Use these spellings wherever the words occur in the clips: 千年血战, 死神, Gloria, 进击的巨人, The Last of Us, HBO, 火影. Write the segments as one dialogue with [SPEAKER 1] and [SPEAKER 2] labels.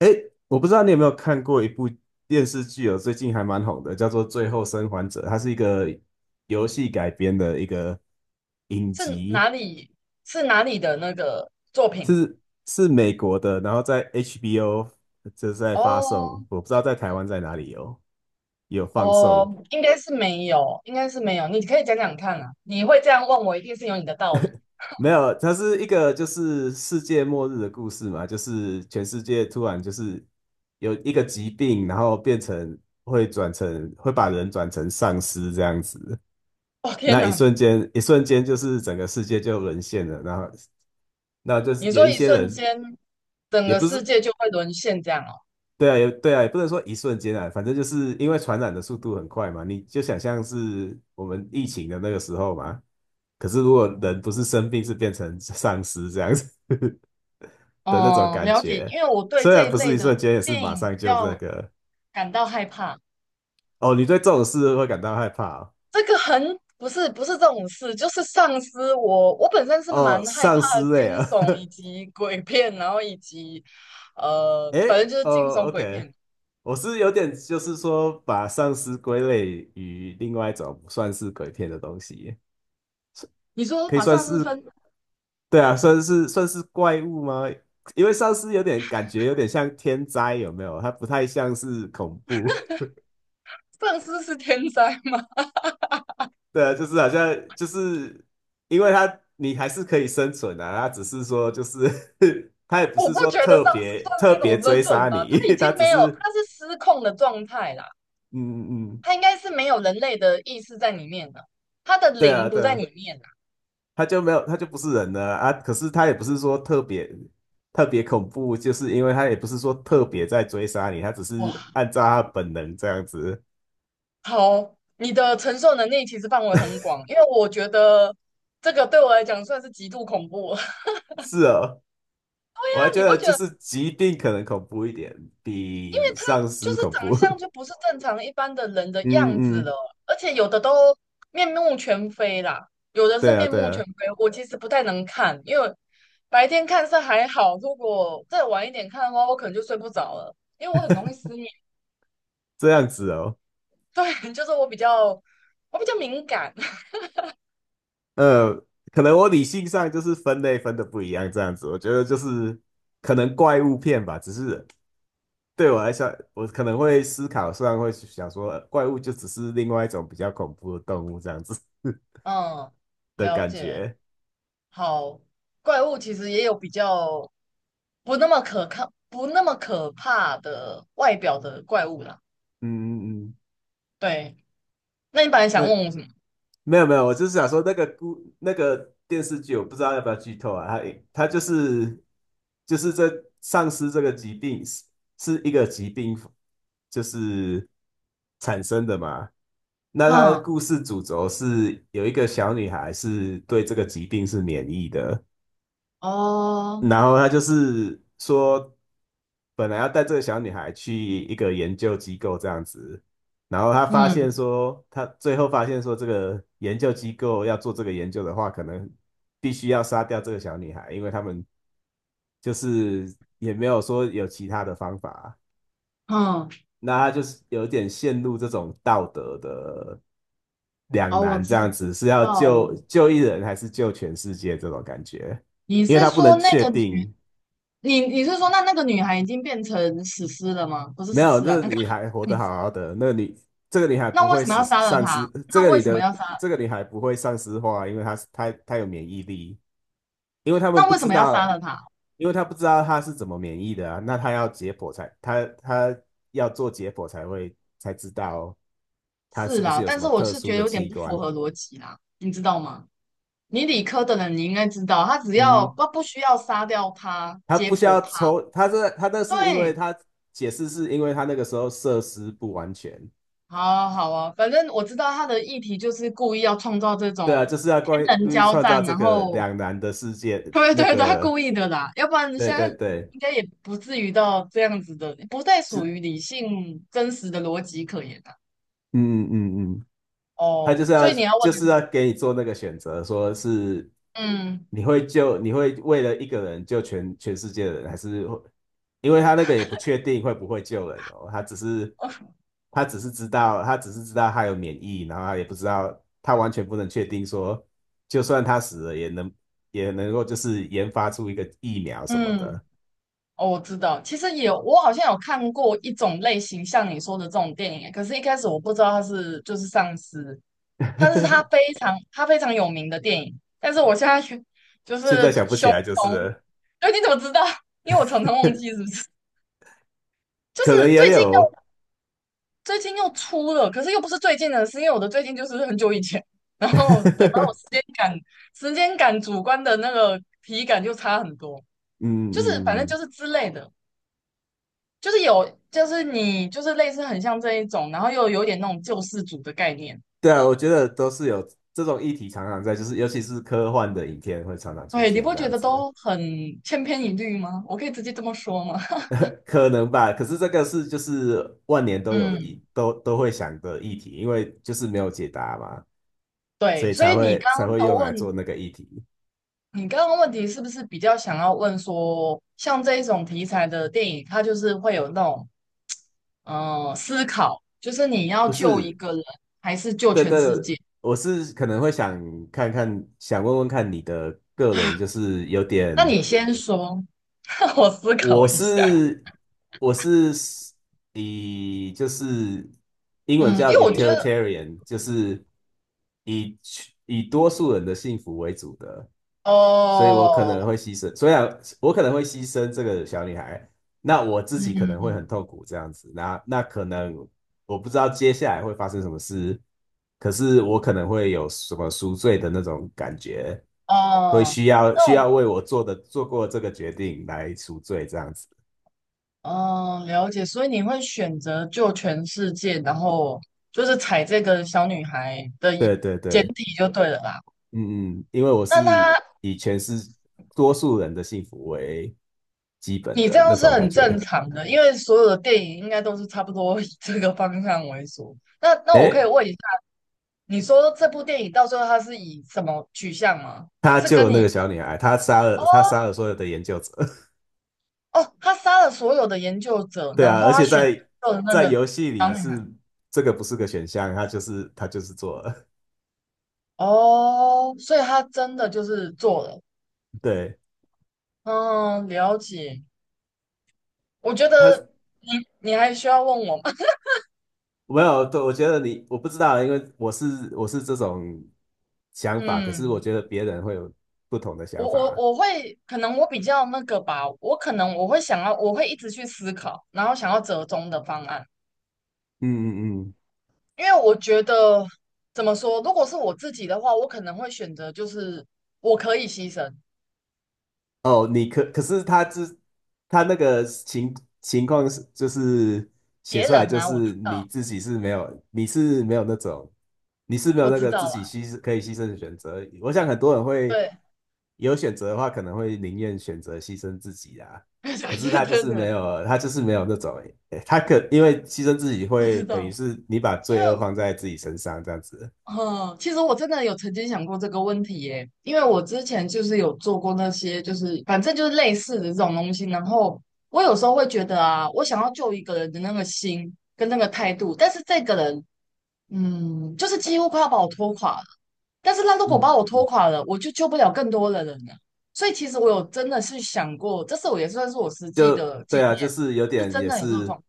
[SPEAKER 1] 诶，我不知道你有没有看过一部电视剧哦，最近还蛮红的，叫做《最后生还者》，它是一个游戏改编的一个影
[SPEAKER 2] 是
[SPEAKER 1] 集，
[SPEAKER 2] 哪里是哪里的那个作品啊？
[SPEAKER 1] 是是美国的，然后在 HBO 就是在发
[SPEAKER 2] 哦
[SPEAKER 1] 送，我不知道在台湾在哪里有放送。
[SPEAKER 2] 哦，应该是没有。你可以讲讲看啊，你会这样问我，一定是有你的道理。
[SPEAKER 1] 没有，它是一个就是世界末日的故事嘛，就是全世界突然就是有一个疾病，然后变成会转成会把人转成丧尸这样子。
[SPEAKER 2] 哦天
[SPEAKER 1] 那一
[SPEAKER 2] 哪，
[SPEAKER 1] 瞬间，一瞬间就是整个世界就沦陷了。然后，那就是
[SPEAKER 2] 你
[SPEAKER 1] 有
[SPEAKER 2] 说
[SPEAKER 1] 一
[SPEAKER 2] 一
[SPEAKER 1] 些人，
[SPEAKER 2] 瞬间整
[SPEAKER 1] 也
[SPEAKER 2] 个
[SPEAKER 1] 不是，
[SPEAKER 2] 世界就会沦陷这样哦？
[SPEAKER 1] 对啊，也对啊，也不能说一瞬间啊，反正就是因为传染的速度很快嘛，你就想象是我们疫情的那个时候嘛。可是如果人不是生病，是变成丧尸这样子的那种
[SPEAKER 2] 哦，
[SPEAKER 1] 感
[SPEAKER 2] 了解，
[SPEAKER 1] 觉，
[SPEAKER 2] 因为我对
[SPEAKER 1] 虽
[SPEAKER 2] 这
[SPEAKER 1] 然
[SPEAKER 2] 一
[SPEAKER 1] 不是
[SPEAKER 2] 类
[SPEAKER 1] 一
[SPEAKER 2] 的
[SPEAKER 1] 瞬间，也是
[SPEAKER 2] 电
[SPEAKER 1] 马
[SPEAKER 2] 影
[SPEAKER 1] 上
[SPEAKER 2] 比
[SPEAKER 1] 就这
[SPEAKER 2] 较
[SPEAKER 1] 个。
[SPEAKER 2] 感到害怕。
[SPEAKER 1] 哦，你对这种事会感到害怕哦？
[SPEAKER 2] 这个很不是不是这种事，就是丧尸。我。我本身是
[SPEAKER 1] 哦，
[SPEAKER 2] 蛮害
[SPEAKER 1] 丧
[SPEAKER 2] 怕
[SPEAKER 1] 尸类
[SPEAKER 2] 惊
[SPEAKER 1] 啊，
[SPEAKER 2] 悚以及鬼片，然后以及 反
[SPEAKER 1] 诶，
[SPEAKER 2] 正就是惊
[SPEAKER 1] 哦
[SPEAKER 2] 悚鬼
[SPEAKER 1] ，OK,
[SPEAKER 2] 片。
[SPEAKER 1] 我是有点就是说把丧尸归类于另外一种不算是鬼片的东西，
[SPEAKER 2] 你说
[SPEAKER 1] 可以
[SPEAKER 2] 把
[SPEAKER 1] 算
[SPEAKER 2] 丧尸
[SPEAKER 1] 是，
[SPEAKER 2] 分，
[SPEAKER 1] 对啊，算是怪物吗？因为丧尸有点感觉有点像天灾，有没有？它不太像是恐怖，
[SPEAKER 2] 丧尸是天灾吗？
[SPEAKER 1] 对啊，就是好像就是因为它你还是可以生存啊，它只是说就是 它也 不
[SPEAKER 2] 我
[SPEAKER 1] 是
[SPEAKER 2] 不
[SPEAKER 1] 说
[SPEAKER 2] 觉得
[SPEAKER 1] 特
[SPEAKER 2] 丧尸
[SPEAKER 1] 别
[SPEAKER 2] 算
[SPEAKER 1] 特
[SPEAKER 2] 是一
[SPEAKER 1] 别
[SPEAKER 2] 种生
[SPEAKER 1] 追杀
[SPEAKER 2] 存吧，它
[SPEAKER 1] 你，
[SPEAKER 2] 已 经
[SPEAKER 1] 它只
[SPEAKER 2] 没有，
[SPEAKER 1] 是
[SPEAKER 2] 它是失控的状态啦，
[SPEAKER 1] 嗯嗯，嗯
[SPEAKER 2] 它应该是没有人类的意识在里面的，它的
[SPEAKER 1] 对啊
[SPEAKER 2] 灵不
[SPEAKER 1] 对
[SPEAKER 2] 在
[SPEAKER 1] 啊
[SPEAKER 2] 里面啦。
[SPEAKER 1] 他就没有，他就不是人了啊。啊可是他也不是说特别恐怖，就是因为他也不是说特别在追杀你，他只
[SPEAKER 2] 哇，
[SPEAKER 1] 是按照他本能这样子。
[SPEAKER 2] 好，你的承受能力其实范围很广，因为我觉得这个对我来讲算是极度恐怖。
[SPEAKER 1] 是哦，我还
[SPEAKER 2] 那
[SPEAKER 1] 觉
[SPEAKER 2] 你
[SPEAKER 1] 得
[SPEAKER 2] 不觉
[SPEAKER 1] 就
[SPEAKER 2] 得
[SPEAKER 1] 是疾病可能恐怖一点，比丧
[SPEAKER 2] 就
[SPEAKER 1] 尸
[SPEAKER 2] 是
[SPEAKER 1] 恐
[SPEAKER 2] 长
[SPEAKER 1] 怖。
[SPEAKER 2] 相 就不是正常一般的人的样
[SPEAKER 1] 嗯
[SPEAKER 2] 子了，
[SPEAKER 1] 嗯，
[SPEAKER 2] 而且有的都面目全非啦，有的是
[SPEAKER 1] 对啊
[SPEAKER 2] 面
[SPEAKER 1] 对
[SPEAKER 2] 目
[SPEAKER 1] 啊，
[SPEAKER 2] 全非。我其实不太能看，因为白天看是还好，如果再晚一点看的话，我可能就睡不着了，因为我很容易失眠。
[SPEAKER 1] 这样子哦。
[SPEAKER 2] 对，就是我比较敏感。
[SPEAKER 1] 呃，可能我理性上就是分类分的不一样，这样子，我觉得就是可能怪物片吧，只是对我来说，我可能会思考，虽然会想说，怪物就只是另外一种比较恐怖的动物这样子
[SPEAKER 2] 嗯，
[SPEAKER 1] 的
[SPEAKER 2] 了
[SPEAKER 1] 感
[SPEAKER 2] 解。
[SPEAKER 1] 觉。
[SPEAKER 2] 好。怪物其实也有比较不那么可靠、不那么可怕的外表的怪物啦。
[SPEAKER 1] 嗯嗯嗯，
[SPEAKER 2] 对，那你本来
[SPEAKER 1] 那
[SPEAKER 2] 想问我什么？
[SPEAKER 1] 没有没有，我就是想说那个故那个电视剧，我不知道要不要剧透啊。它就是就是这丧尸这个疾病是一个疾病，就是产生的嘛。那它的
[SPEAKER 2] 哼，
[SPEAKER 1] 故事主轴是有一个小女孩是对这个疾病是免疫的。
[SPEAKER 2] 哦，
[SPEAKER 1] 然后他就是说，本来要带这个小女孩去一个研究机构这样子，然后他发现
[SPEAKER 2] 嗯
[SPEAKER 1] 说，他最后发现说，这个研究机构要做这个研究的话，可能必须要杀掉这个小女孩，因为他们就是也没有说有其他的方法，
[SPEAKER 2] 哼，
[SPEAKER 1] 那他就是有点陷入这种道德的两
[SPEAKER 2] 哦，我
[SPEAKER 1] 难，这
[SPEAKER 2] 知
[SPEAKER 1] 样子是要
[SPEAKER 2] 道了。
[SPEAKER 1] 救一人还是救全世界这种感觉，
[SPEAKER 2] 你
[SPEAKER 1] 因为
[SPEAKER 2] 是
[SPEAKER 1] 他不
[SPEAKER 2] 说
[SPEAKER 1] 能
[SPEAKER 2] 那
[SPEAKER 1] 确
[SPEAKER 2] 个女，
[SPEAKER 1] 定。
[SPEAKER 2] 你是说那个女孩已经变成死尸了吗？不是
[SPEAKER 1] 没
[SPEAKER 2] 死
[SPEAKER 1] 有，
[SPEAKER 2] 尸啊，
[SPEAKER 1] 这
[SPEAKER 2] 那个，
[SPEAKER 1] 女孩活得好 好的，那你，女这个女孩
[SPEAKER 2] 那
[SPEAKER 1] 不
[SPEAKER 2] 为
[SPEAKER 1] 会
[SPEAKER 2] 什么
[SPEAKER 1] 死
[SPEAKER 2] 要杀了
[SPEAKER 1] 丧失
[SPEAKER 2] 她？
[SPEAKER 1] 这
[SPEAKER 2] 那
[SPEAKER 1] 个
[SPEAKER 2] 为什么要杀？
[SPEAKER 1] 女孩不会丧失化，因为她有免疫力，因为他们
[SPEAKER 2] 那
[SPEAKER 1] 不
[SPEAKER 2] 为什
[SPEAKER 1] 知
[SPEAKER 2] 么要杀
[SPEAKER 1] 道，
[SPEAKER 2] 了她？
[SPEAKER 1] 因为她不知道她是怎么免疫的啊，那她要做解剖才才知道她
[SPEAKER 2] 是
[SPEAKER 1] 是不是
[SPEAKER 2] 啦，
[SPEAKER 1] 有什
[SPEAKER 2] 但是
[SPEAKER 1] 么
[SPEAKER 2] 我
[SPEAKER 1] 特
[SPEAKER 2] 是觉
[SPEAKER 1] 殊
[SPEAKER 2] 得
[SPEAKER 1] 的
[SPEAKER 2] 有点
[SPEAKER 1] 器
[SPEAKER 2] 不符
[SPEAKER 1] 官。
[SPEAKER 2] 合逻辑啦，你知道吗？你理科的人，你应该知道，他只要
[SPEAKER 1] 嗯，
[SPEAKER 2] 不需要杀掉他，
[SPEAKER 1] 她
[SPEAKER 2] 解
[SPEAKER 1] 不需
[SPEAKER 2] 剖
[SPEAKER 1] 要
[SPEAKER 2] 他。
[SPEAKER 1] 抽，她这她那是因为
[SPEAKER 2] 对，
[SPEAKER 1] 她解释是因为她那个时候设施不完全。
[SPEAKER 2] 好啊好啊，反正我知道他的议题就是故意要创造这
[SPEAKER 1] 对
[SPEAKER 2] 种
[SPEAKER 1] 啊，就是要关
[SPEAKER 2] 天人
[SPEAKER 1] 故意
[SPEAKER 2] 交
[SPEAKER 1] 创造
[SPEAKER 2] 战，
[SPEAKER 1] 这
[SPEAKER 2] 然
[SPEAKER 1] 个
[SPEAKER 2] 后
[SPEAKER 1] 两难的世 界，
[SPEAKER 2] 对
[SPEAKER 1] 那
[SPEAKER 2] 对对，他
[SPEAKER 1] 个
[SPEAKER 2] 故意的啦，要不然
[SPEAKER 1] 对
[SPEAKER 2] 现在
[SPEAKER 1] 对对，
[SPEAKER 2] 应该也不至于到这样子的，不再属
[SPEAKER 1] 是，
[SPEAKER 2] 于理性真实的逻辑可言啊。
[SPEAKER 1] 嗯嗯嗯，他就
[SPEAKER 2] 哦，
[SPEAKER 1] 是
[SPEAKER 2] 所
[SPEAKER 1] 要
[SPEAKER 2] 以你要问
[SPEAKER 1] 就是
[SPEAKER 2] 的，
[SPEAKER 1] 要给你做那个选择，说是
[SPEAKER 2] 嗯，
[SPEAKER 1] 你会为了一个人救全世界的人，还是会因为他那个也不确定会不会救人哦，
[SPEAKER 2] 哦，
[SPEAKER 1] 他只是知道他有免疫，然后他也不知道他完全不能确定说，就算他死了也能够就是研发出一个疫苗什么
[SPEAKER 2] 嗯，
[SPEAKER 1] 的，
[SPEAKER 2] 哦，我知道，其实有，我好像有看过一种类型，像你说的这种电影，可是一开始我不知道他是就是丧尸，它是它非 常它非常有名的电影，但是我现在 去就
[SPEAKER 1] 现
[SPEAKER 2] 是
[SPEAKER 1] 在想不起
[SPEAKER 2] 熊
[SPEAKER 1] 来就
[SPEAKER 2] 熊，
[SPEAKER 1] 是了
[SPEAKER 2] 哎，你怎么知道？因为我常常忘记，是 不是？就
[SPEAKER 1] 可
[SPEAKER 2] 是
[SPEAKER 1] 能
[SPEAKER 2] 最
[SPEAKER 1] 也
[SPEAKER 2] 近
[SPEAKER 1] 有。
[SPEAKER 2] 又最近又出了，可是又不是最近的是因为我的最近就是很久以前，然后对，把我 时间感主观的那个体感就差很多，
[SPEAKER 1] 嗯
[SPEAKER 2] 就是反
[SPEAKER 1] 嗯
[SPEAKER 2] 正就
[SPEAKER 1] 嗯，
[SPEAKER 2] 是之类的，就是有就是你就是类似很像这一种，然后又有点那种救世主的概念。
[SPEAKER 1] 对啊，我觉得都是有这种议题常常在，就是尤其是科幻的影片会常常出
[SPEAKER 2] 对，你
[SPEAKER 1] 现
[SPEAKER 2] 不
[SPEAKER 1] 这
[SPEAKER 2] 觉
[SPEAKER 1] 样
[SPEAKER 2] 得
[SPEAKER 1] 子，
[SPEAKER 2] 都很千篇一律吗？我可以直接这么说吗？
[SPEAKER 1] 可能吧。可是这个是就是万年都有的
[SPEAKER 2] 嗯，
[SPEAKER 1] 议，都会想的议题，因为就是没有解答嘛，所
[SPEAKER 2] 对，
[SPEAKER 1] 以
[SPEAKER 2] 所以你刚
[SPEAKER 1] 才
[SPEAKER 2] 刚
[SPEAKER 1] 会
[SPEAKER 2] 的
[SPEAKER 1] 用来
[SPEAKER 2] 问，
[SPEAKER 1] 做那个议题。
[SPEAKER 2] 你刚刚问题是不是比较想要问说，像这一种题材的电影，它就是会有那种思考，就是你要
[SPEAKER 1] 不
[SPEAKER 2] 救一
[SPEAKER 1] 是，
[SPEAKER 2] 个人还是救
[SPEAKER 1] 对
[SPEAKER 2] 全
[SPEAKER 1] 对，
[SPEAKER 2] 世界？
[SPEAKER 1] 我是可能会想看看，想问问看你的个人，就是有
[SPEAKER 2] 那
[SPEAKER 1] 点。
[SPEAKER 2] 你先说，让我思
[SPEAKER 1] 我
[SPEAKER 2] 考一下。
[SPEAKER 1] 是我是以就是英文
[SPEAKER 2] 嗯，因
[SPEAKER 1] 叫
[SPEAKER 2] 为我觉得，
[SPEAKER 1] utilitarian,就是以以多数人的幸福为主的，所以我可
[SPEAKER 2] 哦，
[SPEAKER 1] 能会牺牲，虽然我可能会牺牲这个小女孩，那我自己可能会很
[SPEAKER 2] 嗯，
[SPEAKER 1] 痛苦这样子，那可能我不知道接下来会发生什么事，可是我可能会有什么赎罪的那种感觉，会
[SPEAKER 2] 哦，
[SPEAKER 1] 需
[SPEAKER 2] 那我，
[SPEAKER 1] 要为我做过这个决定来赎罪这样子。
[SPEAKER 2] 哦，了解，所以你会选择救全世界，然后就是踩这个小女孩的一
[SPEAKER 1] 对对
[SPEAKER 2] 简
[SPEAKER 1] 对，
[SPEAKER 2] 体就对了啦。
[SPEAKER 1] 嗯嗯，因为我
[SPEAKER 2] 那
[SPEAKER 1] 是
[SPEAKER 2] 他，
[SPEAKER 1] 以全是多数人的幸福为基本
[SPEAKER 2] 你这
[SPEAKER 1] 的那
[SPEAKER 2] 样是
[SPEAKER 1] 种感
[SPEAKER 2] 很正
[SPEAKER 1] 觉。
[SPEAKER 2] 常的，因为所有的电影应该都是差不多以这个方向为主。那那我可以
[SPEAKER 1] 诶，
[SPEAKER 2] 问一下，你说这部电影到最后他是以什么取向吗？
[SPEAKER 1] 他
[SPEAKER 2] 是
[SPEAKER 1] 救
[SPEAKER 2] 跟
[SPEAKER 1] 了那
[SPEAKER 2] 你，
[SPEAKER 1] 个小女孩，
[SPEAKER 2] 哦，
[SPEAKER 1] 他杀了所有的研究者。
[SPEAKER 2] 哦，他杀了所有的研究 者，
[SPEAKER 1] 对
[SPEAKER 2] 然
[SPEAKER 1] 啊，
[SPEAKER 2] 后
[SPEAKER 1] 而
[SPEAKER 2] 他
[SPEAKER 1] 且
[SPEAKER 2] 选择的那
[SPEAKER 1] 在
[SPEAKER 2] 个
[SPEAKER 1] 游戏
[SPEAKER 2] 小
[SPEAKER 1] 里
[SPEAKER 2] 女
[SPEAKER 1] 是
[SPEAKER 2] 孩，
[SPEAKER 1] 这个不是个选项，他就是做了。
[SPEAKER 2] 哦，所以他真的就是做了。
[SPEAKER 1] 对，
[SPEAKER 2] 嗯，了解。我觉得
[SPEAKER 1] 他
[SPEAKER 2] 你，你还需要问我吗？
[SPEAKER 1] 没有，对，我觉得你我不知道，因为我是这种 想法，可是我
[SPEAKER 2] 嗯。
[SPEAKER 1] 觉得别人会有不同的
[SPEAKER 2] 我
[SPEAKER 1] 想
[SPEAKER 2] 我
[SPEAKER 1] 法。
[SPEAKER 2] 我会可能我比较那个吧，我可能我会想要，我会一直去思考，然后想要折中的方案，
[SPEAKER 1] 嗯嗯嗯
[SPEAKER 2] 因为我觉得怎么说，如果是我自己的话，我可能会选择就是我可以牺牲
[SPEAKER 1] 哦，可是他那个情况是就是写
[SPEAKER 2] 别
[SPEAKER 1] 出来
[SPEAKER 2] 人
[SPEAKER 1] 就
[SPEAKER 2] 啊，
[SPEAKER 1] 是
[SPEAKER 2] 我知
[SPEAKER 1] 你
[SPEAKER 2] 道，
[SPEAKER 1] 自己是没有，你是没有那种，你是没有
[SPEAKER 2] 我
[SPEAKER 1] 那
[SPEAKER 2] 知
[SPEAKER 1] 个自
[SPEAKER 2] 道
[SPEAKER 1] 己
[SPEAKER 2] 啦，
[SPEAKER 1] 可以牺牲的选择。我想很多人会
[SPEAKER 2] 对，
[SPEAKER 1] 有选择的话，可能会宁愿选择牺牲自己啊。可是
[SPEAKER 2] 对
[SPEAKER 1] 他就
[SPEAKER 2] 对
[SPEAKER 1] 是没
[SPEAKER 2] 对，
[SPEAKER 1] 有，他就是没有那种，诶他可因为牺牲自己
[SPEAKER 2] 我
[SPEAKER 1] 会
[SPEAKER 2] 知
[SPEAKER 1] 等于
[SPEAKER 2] 道，
[SPEAKER 1] 是你把
[SPEAKER 2] 因为
[SPEAKER 1] 罪恶放在自己身上这样子。
[SPEAKER 2] 嗯，其实我真的有曾经想过这个问题耶，因为我之前就是有做过那些，就是反正就是类似的这种东西。然后我有时候会觉得啊，我想要救一个人的那个心跟那个态度，但是这个人，嗯，就是几乎快要把我拖垮了。但是他如果把我
[SPEAKER 1] 嗯。
[SPEAKER 2] 拖垮了，我就救不了更多的人了。所以其实我有真的是想过，这是我也算是我实际
[SPEAKER 1] 就
[SPEAKER 2] 的经
[SPEAKER 1] 对啊，就
[SPEAKER 2] 验，
[SPEAKER 1] 是有
[SPEAKER 2] 是
[SPEAKER 1] 点
[SPEAKER 2] 真
[SPEAKER 1] 也
[SPEAKER 2] 的有这个
[SPEAKER 1] 是
[SPEAKER 2] 状况，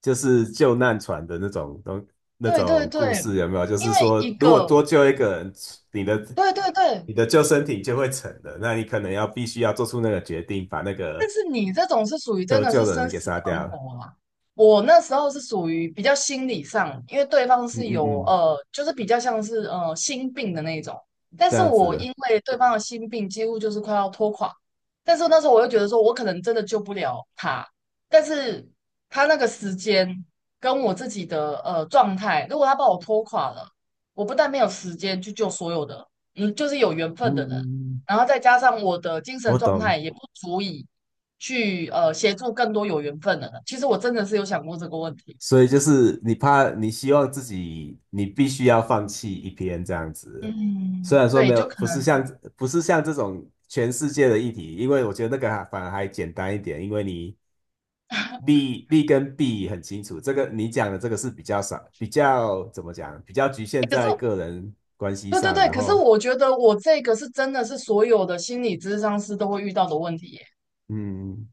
[SPEAKER 1] 就是救难船的那
[SPEAKER 2] 对对
[SPEAKER 1] 种故
[SPEAKER 2] 对，
[SPEAKER 1] 事，有没有？就
[SPEAKER 2] 因
[SPEAKER 1] 是
[SPEAKER 2] 为
[SPEAKER 1] 说，
[SPEAKER 2] 一
[SPEAKER 1] 如果多
[SPEAKER 2] 个，
[SPEAKER 1] 救一个人，你的
[SPEAKER 2] 对对对，
[SPEAKER 1] 你的救生艇就会沉了，那你可能要必须要做出那个决定，把那
[SPEAKER 2] 但
[SPEAKER 1] 个
[SPEAKER 2] 是你这种是属于真
[SPEAKER 1] 求
[SPEAKER 2] 的
[SPEAKER 1] 救
[SPEAKER 2] 是
[SPEAKER 1] 的
[SPEAKER 2] 生
[SPEAKER 1] 人
[SPEAKER 2] 死
[SPEAKER 1] 给杀
[SPEAKER 2] 存
[SPEAKER 1] 掉。
[SPEAKER 2] 活啊。我那时候是属于比较心理上，因为对方
[SPEAKER 1] 嗯
[SPEAKER 2] 是
[SPEAKER 1] 嗯
[SPEAKER 2] 有
[SPEAKER 1] 嗯，
[SPEAKER 2] 就是比较像是心病的那种，但
[SPEAKER 1] 这
[SPEAKER 2] 是
[SPEAKER 1] 样
[SPEAKER 2] 我
[SPEAKER 1] 子，
[SPEAKER 2] 因为对方的心病几乎就是快要拖垮，但是那时候我又觉得说我可能真的救不了他，但是他那个时间跟我自己的状态，如果他把我拖垮了，我不但没有时间去救所有的，嗯，就是有缘分
[SPEAKER 1] 嗯，
[SPEAKER 2] 的人，
[SPEAKER 1] 嗯嗯
[SPEAKER 2] 然后再加上我的精神
[SPEAKER 1] 我
[SPEAKER 2] 状
[SPEAKER 1] 懂。
[SPEAKER 2] 态也不足以。去协助更多有缘分的人。其实我真的是有想过这个问题，
[SPEAKER 1] 所以就是你怕，你希望自己，你必须要放弃一篇这样子。虽
[SPEAKER 2] 嗯，
[SPEAKER 1] 然说没
[SPEAKER 2] 对，
[SPEAKER 1] 有，
[SPEAKER 2] 就可能，
[SPEAKER 1] 不是像这种全世界的议题，因为我觉得那个还反而还简单一点，因为你利跟弊很清楚。这个你讲的这个是比较少，比较怎么讲，比较局
[SPEAKER 2] 诶
[SPEAKER 1] 限
[SPEAKER 2] 可是
[SPEAKER 1] 在个人关系
[SPEAKER 2] 对对
[SPEAKER 1] 上。
[SPEAKER 2] 对，
[SPEAKER 1] 然
[SPEAKER 2] 可是
[SPEAKER 1] 后，
[SPEAKER 2] 我觉得我这个是真的是所有的心理咨商师都会遇到的问题耶，
[SPEAKER 1] 嗯，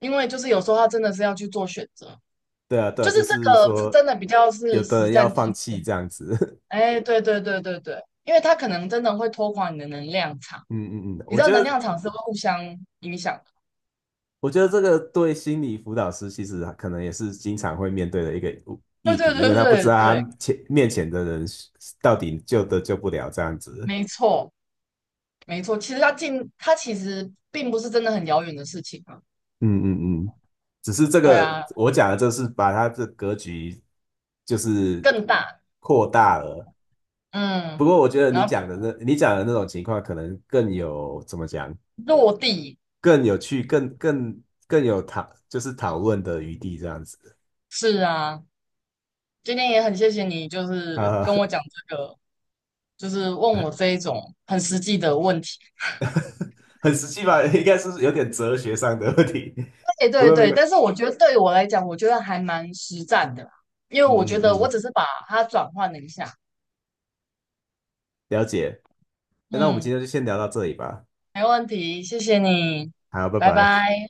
[SPEAKER 2] 因为就是有时候他真的是要去做选择，
[SPEAKER 1] 对啊，对啊，
[SPEAKER 2] 就是
[SPEAKER 1] 就
[SPEAKER 2] 这
[SPEAKER 1] 是
[SPEAKER 2] 个是
[SPEAKER 1] 说
[SPEAKER 2] 真的比较
[SPEAKER 1] 有
[SPEAKER 2] 是
[SPEAKER 1] 的
[SPEAKER 2] 实
[SPEAKER 1] 人要
[SPEAKER 2] 战
[SPEAKER 1] 放
[SPEAKER 2] 经验，
[SPEAKER 1] 弃这样子。
[SPEAKER 2] 哎，对对对对对，因为他可能真的会拖垮你的能量场，
[SPEAKER 1] 嗯嗯嗯，
[SPEAKER 2] 你知道能量场是会互相影响的，
[SPEAKER 1] 我觉得这个对心理辅导师其实可能也是经常会面对的一个
[SPEAKER 2] 对
[SPEAKER 1] 议题，
[SPEAKER 2] 对
[SPEAKER 1] 因为他
[SPEAKER 2] 对
[SPEAKER 1] 不知
[SPEAKER 2] 对
[SPEAKER 1] 道
[SPEAKER 2] 对，
[SPEAKER 1] 他前的人到底救得救不了这样子。
[SPEAKER 2] 没错。没错，其实它近，它其实并不是真的很遥远的事情啊。
[SPEAKER 1] 嗯嗯嗯，只是这
[SPEAKER 2] 对
[SPEAKER 1] 个
[SPEAKER 2] 啊，
[SPEAKER 1] 我讲的，就是把他的格局就是
[SPEAKER 2] 更大，
[SPEAKER 1] 扩大了。不
[SPEAKER 2] 嗯，
[SPEAKER 1] 过我觉得
[SPEAKER 2] 然后
[SPEAKER 1] 你讲的那种情况，可能更有怎么讲，
[SPEAKER 2] 落地，
[SPEAKER 1] 更有趣，更有就是讨论的余地这样子。
[SPEAKER 2] 是啊。今天也很谢谢你，就 是
[SPEAKER 1] 啊、
[SPEAKER 2] 跟我讲这个，就是问我这一种很实际的问题。
[SPEAKER 1] 很实际吧，应该是有点哲学上的问题，
[SPEAKER 2] 对
[SPEAKER 1] 不
[SPEAKER 2] 对
[SPEAKER 1] 过没
[SPEAKER 2] 对，
[SPEAKER 1] 关
[SPEAKER 2] 但是我觉得对于我来讲，我觉得还蛮实战的啦，因为我
[SPEAKER 1] 嗯
[SPEAKER 2] 觉
[SPEAKER 1] 嗯
[SPEAKER 2] 得我
[SPEAKER 1] 嗯，
[SPEAKER 2] 只是把它转换了一下。
[SPEAKER 1] 了解。那我们
[SPEAKER 2] 嗯，
[SPEAKER 1] 今天就先聊到这里吧，
[SPEAKER 2] 没问题，谢谢你，
[SPEAKER 1] 好，拜
[SPEAKER 2] 拜
[SPEAKER 1] 拜。
[SPEAKER 2] 拜。